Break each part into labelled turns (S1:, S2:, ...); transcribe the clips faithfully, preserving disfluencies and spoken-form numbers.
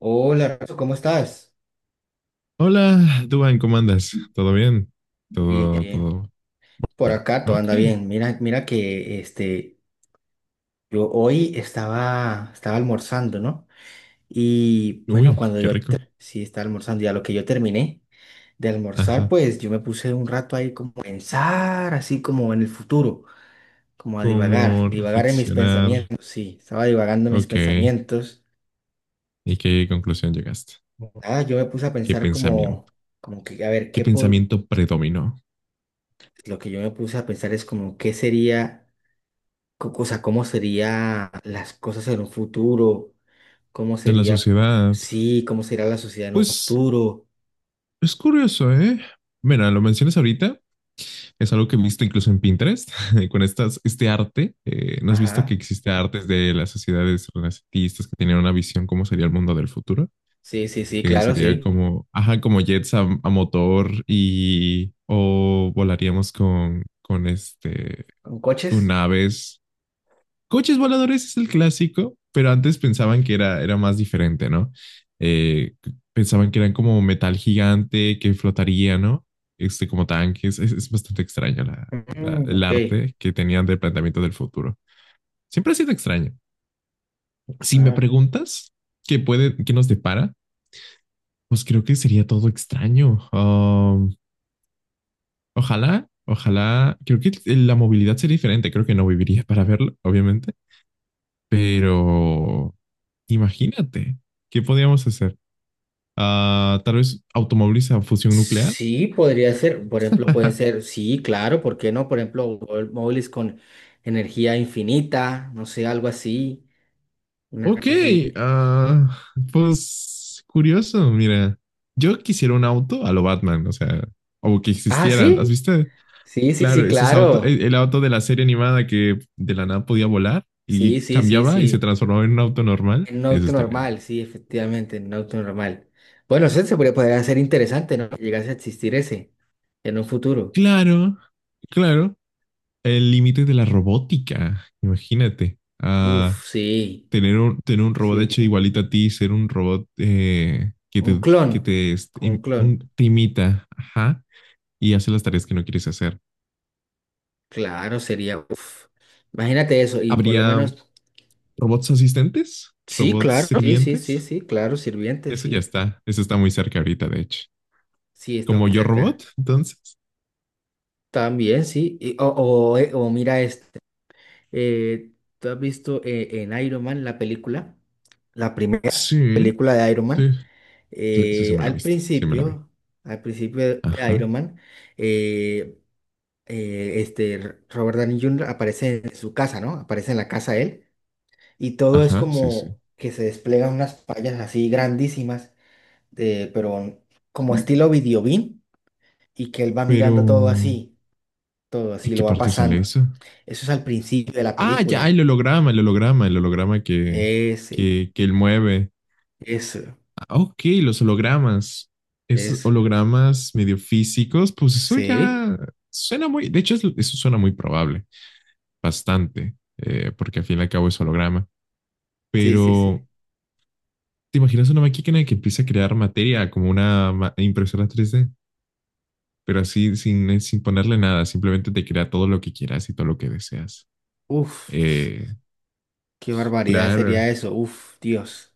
S1: Hola, Renzo, ¿cómo estás?
S2: Hola, Duan, ¿cómo andas? ¿Todo bien?
S1: Bien,
S2: Todo,
S1: bien.
S2: todo.
S1: Por
S2: Bueno,
S1: acá todo
S2: ok.
S1: anda bien. Mira, mira que este, yo hoy estaba, estaba almorzando, ¿no? Y bueno,
S2: Uy,
S1: cuando
S2: qué
S1: yo
S2: rico.
S1: ter- sí estaba almorzando, y a lo que yo terminé de almorzar,
S2: Ajá.
S1: pues yo me puse un rato ahí como a pensar, así como en el futuro, como a divagar,
S2: ¿Cómo
S1: divagar en mis
S2: reflexionar?
S1: pensamientos. Sí, estaba divagando en mis
S2: Ok.
S1: pensamientos.
S2: ¿Y qué conclusión llegaste?
S1: Ah, yo me puse a
S2: ¿Qué
S1: pensar como,
S2: pensamiento?
S1: como que, a ver,
S2: ¿Qué
S1: qué po-
S2: pensamiento predominó
S1: lo que yo me puse a pensar es como qué sería co- O sea, cómo serían las cosas en un futuro, cómo
S2: en la
S1: sería,
S2: sociedad?
S1: sí, cómo sería la sociedad en un
S2: Pues
S1: futuro.
S2: es curioso, ¿eh? Mira, lo mencionas ahorita. Es algo que he visto incluso en Pinterest, con estas, este arte. eh, ¿no has visto que
S1: Ajá,
S2: existe artes de las sociedades renacentistas que tenían una visión cómo sería el mundo del futuro?
S1: sí, sí, sí,
S2: Que
S1: claro,
S2: sería
S1: sí.
S2: como, ajá, como jets a, a motor y o volaríamos con, con este,
S1: ¿Con coches?
S2: con aves. Coches voladores es el clásico, pero antes pensaban que era, era más diferente, ¿no? Eh, pensaban que eran como metal gigante que flotaría, ¿no? Este, como tanques. Es, es bastante extraño la- la-
S1: Mm,
S2: el
S1: ok.
S2: arte que tenían del planteamiento del futuro. Siempre ha sido extraño. Si me
S1: Ah,
S2: preguntas qué puede, qué nos depara, pues creo que sería todo extraño. Ah, Ojalá, ojalá, creo que la movilidad sería diferente, creo que no viviría para verlo, obviamente, pero imagínate, ¿qué podríamos hacer? Ah, tal vez automóviles a fusión nuclear.
S1: sí, podría ser, por ejemplo, pueden ser, sí, claro, ¿por qué no? Por ejemplo, mó- móviles con energía infinita, no sé, algo así, una
S2: Ok,
S1: cosa así.
S2: ah, pues curioso, mira, yo quisiera un auto a lo Batman, o sea, o que
S1: Ah,
S2: existieran, ¿has
S1: sí,
S2: visto?
S1: sí, sí,
S2: Claro,
S1: sí,
S2: ese es auto, el,
S1: claro.
S2: el auto de la serie animada que de la nada podía volar
S1: Sí,
S2: y
S1: sí, sí,
S2: cambiaba y se
S1: sí.
S2: transformaba en un auto normal,
S1: En un
S2: eso
S1: auto
S2: estaría bueno.
S1: normal, sí, efectivamente, en un auto normal. Bueno, eso se podría, podría ser interesante, ¿no? Que llegase a existir ese en un futuro.
S2: Claro, claro. El límite de la robótica, imagínate. Ah,
S1: Uf, sí,
S2: tener un, tener un robot hecho
S1: sí.
S2: igualito a ti, ser un robot eh, que
S1: Un
S2: te,
S1: clon,
S2: que te, este,
S1: como un
S2: im-
S1: clon.
S2: un- te imita, ajá, y hace las tareas que no quieres hacer.
S1: Claro, sería, uf. Imagínate eso, y por lo
S2: ¿Habría
S1: menos,
S2: robots asistentes?
S1: sí,
S2: ¿Robots
S1: claro, sí, sí, sí,
S2: sirvientes?
S1: sí, claro, sirviente,
S2: Eso ya
S1: sí.
S2: está, eso está muy cerca ahorita, de hecho.
S1: Sí, estamos
S2: ¿Como yo
S1: cerca.
S2: robot? Entonces.
S1: También, sí. y- o, o, eh, o mira este. eh, ¿Tú has visto eh, en Iron Man la película? La primera
S2: Sí,
S1: película de Iron
S2: sí,
S1: Man.
S2: cl- sí, sí
S1: eh,
S2: me la
S1: al
S2: viste, sí me la vi.
S1: principio, al principio de
S2: Ajá,
S1: Iron Man, eh, eh, este Robert Downey júnior aparece en su casa, ¿no? Aparece en la casa él y todo es
S2: ajá, sí, sí.
S1: como que se desplegan unas pantallas así grandísimas, de, pero como estilo videobeam y que él va
S2: Pero
S1: mirando todo así, todo
S2: ¿en
S1: así lo
S2: qué
S1: va
S2: parte sale
S1: pasando.
S2: eso?
S1: Eso es al principio de la
S2: Ah, ya,
S1: película.
S2: el holograma, el holograma, el holograma que,
S1: Ese,
S2: que, que él mueve.
S1: eso,
S2: Ah, ok, los hologramas. Esos
S1: eso.
S2: hologramas medio físicos, pues eso
S1: Sí,
S2: ya suena muy, de hecho, es- eso suena muy probable, bastante, eh, porque al fin y al cabo es holograma.
S1: sí, sí, sí.
S2: Pero, ¿te imaginas una máquina que empieza a crear materia como una ma- impresora tres D? Pero así, sin, sin ponerle nada, simplemente te crea todo lo que quieras y todo lo que deseas.
S1: Uf.
S2: Eh,
S1: Qué barbaridad sería
S2: claro.
S1: eso. Uf, Dios.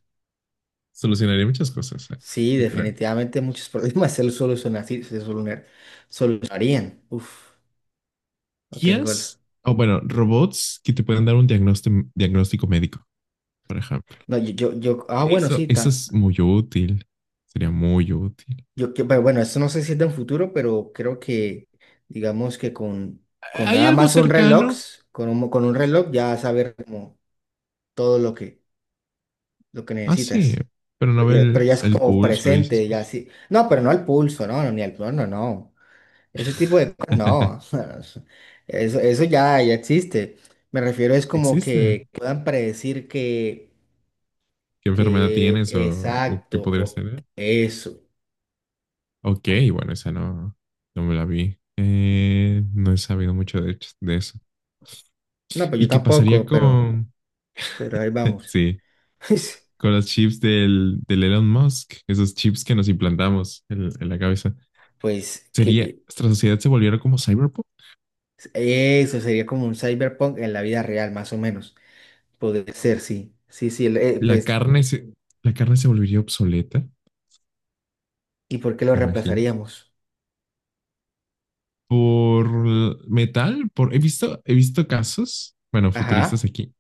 S2: Solucionaría muchas cosas, eh,
S1: Sí,
S2: yo creo.
S1: definitivamente muchos problemas se solucionan, sí, se solucionar- solucionarían. Uf, no tengo el...
S2: I As, o bueno, robots que te pueden dar un diagnóstico, diagnóstico médico, por ejemplo.
S1: No, yo, yo, yo- ah, bueno,
S2: Eso,
S1: sí,
S2: eso
S1: ta-
S2: es muy útil. Sería muy útil.
S1: yo, que- pero bueno, esto no sé si es de un futuro, pero creo que, digamos que con, con
S2: ¿Hay
S1: nada
S2: algo
S1: más un reloj,
S2: cercano?
S1: con un, con un reloj ya saber como todo lo que, lo que
S2: Ah, sí,
S1: necesitas.
S2: pero no
S1: Pero
S2: ve
S1: ya, pero
S2: el,
S1: ya es
S2: el
S1: como
S2: pulso y esas
S1: presente, ya
S2: cosas.
S1: sí. No, pero no al pulso, no, no, ni al... No, no, no. Ese tipo de cosas, no, o sea, eso, eso ya, ya existe. Me refiero es como
S2: Existe.
S1: que puedan predecir que,
S2: ¿Qué enfermedad
S1: que
S2: tienes o, o qué
S1: exacto
S2: podrías
S1: o
S2: tener?
S1: eso.
S2: Ok, bueno, esa no, no me la vi. Eh, no he sabido mucho de, de eso.
S1: No, pues yo
S2: ¿Y qué pasaría
S1: tampoco, pero,
S2: con...
S1: pero ahí vamos.
S2: sí, con los chips del, del Elon Musk, esos chips que nos implantamos en, en la cabeza.
S1: Pues
S2: Sería,
S1: que
S2: nuestra sociedad se volviera como Cyberpunk.
S1: eso sería como un cyberpunk en la vida real, más o menos. Podría ser, sí. Sí, sí, el- eh,
S2: La
S1: pues,
S2: carne se, la carne se volvería obsoleta, ¿te
S1: ¿y por qué lo
S2: imaginas?
S1: reemplazaríamos?
S2: Por l- metal, por, he visto, he visto casos, bueno, futuristas
S1: Ajá,
S2: aquí,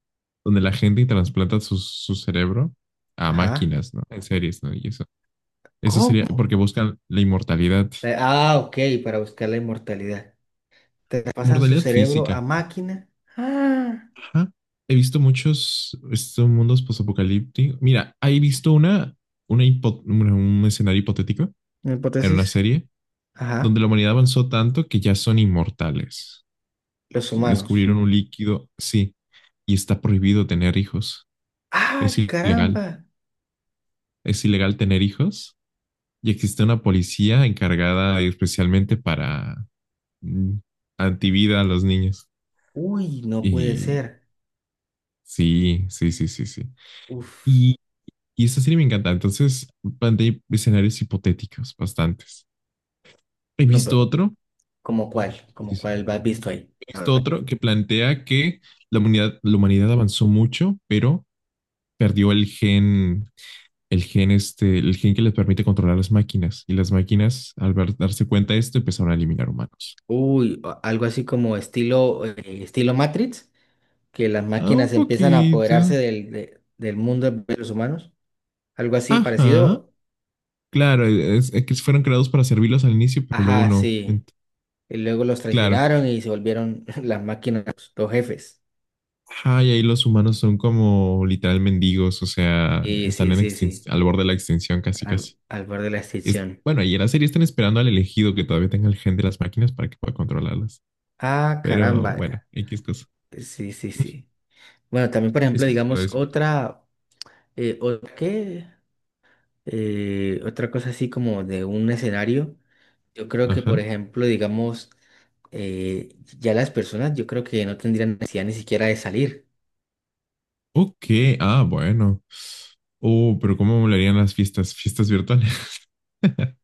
S2: donde la gente transplanta su, su cerebro a
S1: ajá.
S2: máquinas, ¿no? En series, ¿no? Y eso, eso sería
S1: ¿Cómo?
S2: porque buscan la inmortalidad,
S1: Eh, Ah, ok, para buscar la inmortalidad. Te pasan su
S2: mortalidad
S1: cerebro a
S2: física.
S1: máquina. Ah,
S2: Ajá. He visto muchos estos mundos posapocalípticos. Mira, he visto una, una hipo- bueno, un escenario hipotético
S1: una
S2: en una
S1: hipótesis.
S2: serie
S1: Ajá.
S2: donde la humanidad avanzó tanto que ya son inmortales.
S1: Los humanos.
S2: Descubrieron un líquido, sí, y está prohibido tener hijos. Es
S1: Ah,
S2: ilegal.
S1: caramba.
S2: Es ilegal tener hijos y existe una policía encargada especialmente para mm, antivida a los niños.
S1: Uy, no puede
S2: Y
S1: ser.
S2: sí, sí, sí, sí, sí.
S1: Uf.
S2: Y esta serie me encanta. Entonces, planteé escenarios hipotéticos, bastantes. He
S1: No,
S2: visto
S1: pero
S2: otro,
S1: ¿como cuál?
S2: sí,
S1: ¿Como
S2: sí,
S1: cuál has visto ahí?
S2: he visto otro que plantea que la humanidad, la humanidad avanzó mucho, pero perdió el gen, el gen este, el gen que les permite controlar las máquinas. Y las máquinas, al ver- darse cuenta de esto, empezaron a eliminar humanos.
S1: Uy, a- algo así como estilo, eh, estilo Matrix, que las
S2: Ah, un
S1: máquinas empiezan a apoderarse
S2: poquito.
S1: del, de- del mundo de los humanos. Algo así
S2: Ajá.
S1: parecido.
S2: Claro, es, es que fueron creados para servirlos al inicio, pero luego
S1: Ajá,
S2: no.
S1: sí.
S2: Ent-
S1: Y luego los
S2: claro.
S1: traicionaron y se volvieron las máquinas, los jefes.
S2: Ajá, y ahí los humanos son como literal mendigos, o sea,
S1: Y
S2: están
S1: sí,
S2: en
S1: sí,
S2: extin-
S1: sí.
S2: al borde de la extinción casi
S1: Al,
S2: casi.
S1: al borde de la
S2: Es,
S1: extinción.
S2: bueno, y en la serie están esperando al elegido que todavía tenga el gen de las máquinas para que pueda controlarlas.
S1: Ah,
S2: Pero
S1: caramba.
S2: bueno, X cosa.
S1: Sí, sí, sí. Bueno, también, por
S2: Es
S1: ejemplo,
S2: que se sabe
S1: digamos,
S2: ese punto.
S1: otra, eh, otra, ¿qué? Eh, otra cosa así como de un escenario. Yo creo que, por
S2: Ajá.
S1: ejemplo, digamos, eh, ya las personas, yo creo que no tendrían necesidad ni siquiera de salir.
S2: Ok, ah, bueno. Oh, pero ¿cómo molarían las fiestas? Fiestas virtuales.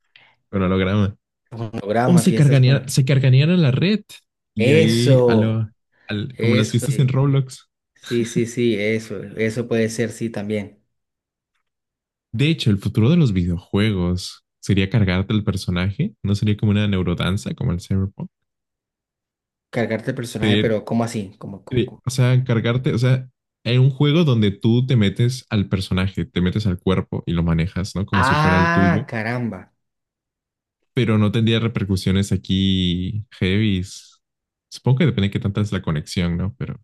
S2: Con holograma.
S1: Con
S2: O
S1: programas,
S2: se
S1: fiestas
S2: cargarían,
S1: con...
S2: se cargarían a la red. Y ahí, a
S1: Eso,
S2: lo, al- como las
S1: eso,
S2: fiestas en
S1: sí.
S2: Roblox.
S1: Sí, sí, sí, eso, eso puede ser, sí, también.
S2: De hecho, el futuro de los videojuegos sería cargarte el personaje, no sería como una neurodanza como el Cyberpunk.
S1: Cargarte el personaje,
S2: Sería-
S1: pero ¿cómo así? como como-
S2: sería-
S1: como-
S2: o sea, cargarte, o sea, hay un juego donde tú te metes al personaje, te metes al cuerpo y lo manejas, ¿no? Como si fuera el
S1: Ah,
S2: tuyo,
S1: caramba.
S2: pero no tendría repercusiones aquí heavies. Supongo que depende de qué tanta es la conexión, ¿no? Pero,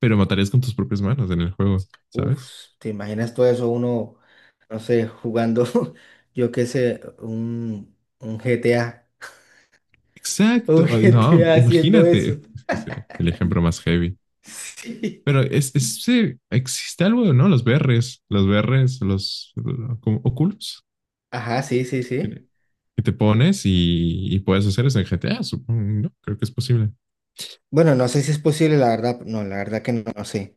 S2: pero matarías con tus propias manos en el juego,
S1: Uf,
S2: ¿sabes?
S1: ¿te imaginas todo eso uno, no sé, jugando, yo qué sé, un, un G T A, un
S2: Exacto. Ay, no,
S1: G T A haciendo eso?
S2: imagínate. Es que es el ejemplo más heavy.
S1: Sí.
S2: Pero es, es- sí, existe algo, ¿no? Los B Rs, los B Rs, los, lo- como Oculus,
S1: Ajá, sí, sí, sí.
S2: que que te pones y, y puedes hacer eso en G T A, supongo, ¿no? Creo que es posible.
S1: Bueno, no sé si es posible, la verdad, no, la verdad que no, no sé,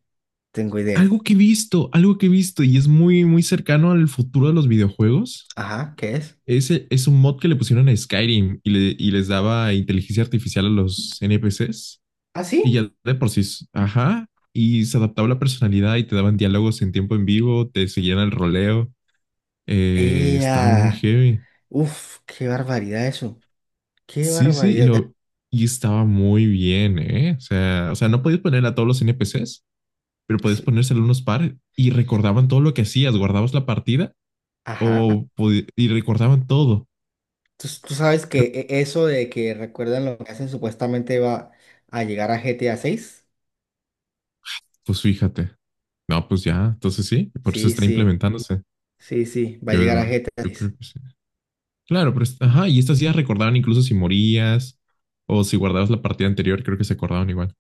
S1: tengo idea.
S2: Algo que he visto, algo que he visto y es muy, muy cercano al futuro de los videojuegos.
S1: Ajá, ¿qué es?
S2: Ese es un mod que le pusieron a Skyrim y, le- y les daba inteligencia artificial a los N P Cs
S1: ¿Ah,
S2: y
S1: sí?
S2: ya de por sí, ajá, y se adaptaba la personalidad y te daban diálogos en tiempo en vivo, te seguían el roleo. Eh, estaba muy
S1: ¡Ea!
S2: heavy.
S1: Uf, qué barbaridad eso, qué
S2: Sí, sí, y,
S1: barbaridad.
S2: lo, y estaba muy bien, ¿eh? O sea, o sea, no podías poner a todos los N P Cs, pero podías
S1: Sí,
S2: poner solo unos par y recordaban todo lo que hacías, guardabas la partida
S1: Ajá,
S2: o podi- y recordaban todo.
S1: tú, tú sabes que e- eso de que recuerdan lo que hacen supuestamente va a llegar a G T A seis.
S2: Pues fíjate. No, pues ya, entonces sí, por eso
S1: Sí,
S2: está
S1: sí,
S2: implementándose.
S1: sí, sí, va a
S2: Yo,
S1: llegar a G T A
S2: yo
S1: seis.
S2: creo que sí. Claro, pero es- ajá, y estas ya recordaban incluso si morías o si guardabas la partida anterior, creo que se acordaban igual.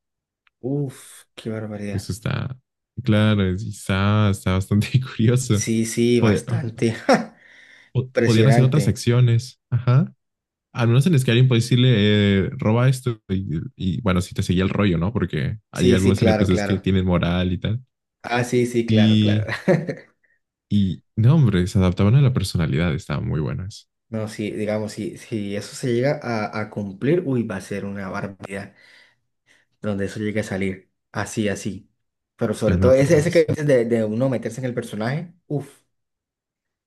S1: Uf, qué
S2: Eso
S1: barbaridad.
S2: está, claro, es- está, está bastante curioso.
S1: Sí, sí, bastante. ¡Ja!
S2: po- podían hacer otras
S1: Impresionante.
S2: acciones. Ajá. Al menos en Skyrim puedes decirle, eh, roba esto. Y, y, bueno, si te seguía el rollo, ¿no? Porque hay
S1: Sí, sí,
S2: algunos
S1: claro,
S2: N P Cs que
S1: claro.
S2: tienen moral y tal.
S1: Ah, sí, sí, claro,
S2: Y,
S1: claro.
S2: y no, hombre, se adaptaban a la personalidad. Estaban muy buenas.
S1: No, sí, digamos, si, si eso se llega a, a cumplir, uy, va a ser una barbaridad donde eso llegue a salir. Así, así. Pero sobre
S2: Yo
S1: todo
S2: lo
S1: ese,
S2: creo,
S1: ese que
S2: sí.
S1: dices de, de uno meterse en el personaje, uff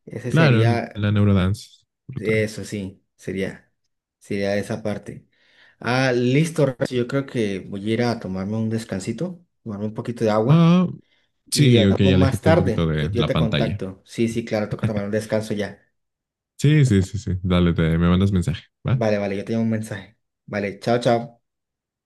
S1: ese
S2: Claro,
S1: sería.
S2: la neurodance. Brutal.
S1: Eso sí, sería, sería esa parte. Ah, listo, Rex, yo creo que voy a ir a tomarme un descansito, tomarme un poquito de agua
S2: Ah,
S1: y
S2: sí, ok,
S1: hablamos más
S2: aléjate un poquito
S1: tarde. Yo,
S2: de
S1: yo
S2: la
S1: te
S2: pantalla.
S1: contacto. Sí, sí, claro, toca tomar un descanso ya.
S2: Sí, sí, sí, sí. Dale, te, me mandas mensaje, ¿va?
S1: Vale, vale, yo te doy un mensaje. Vale, chao, chao.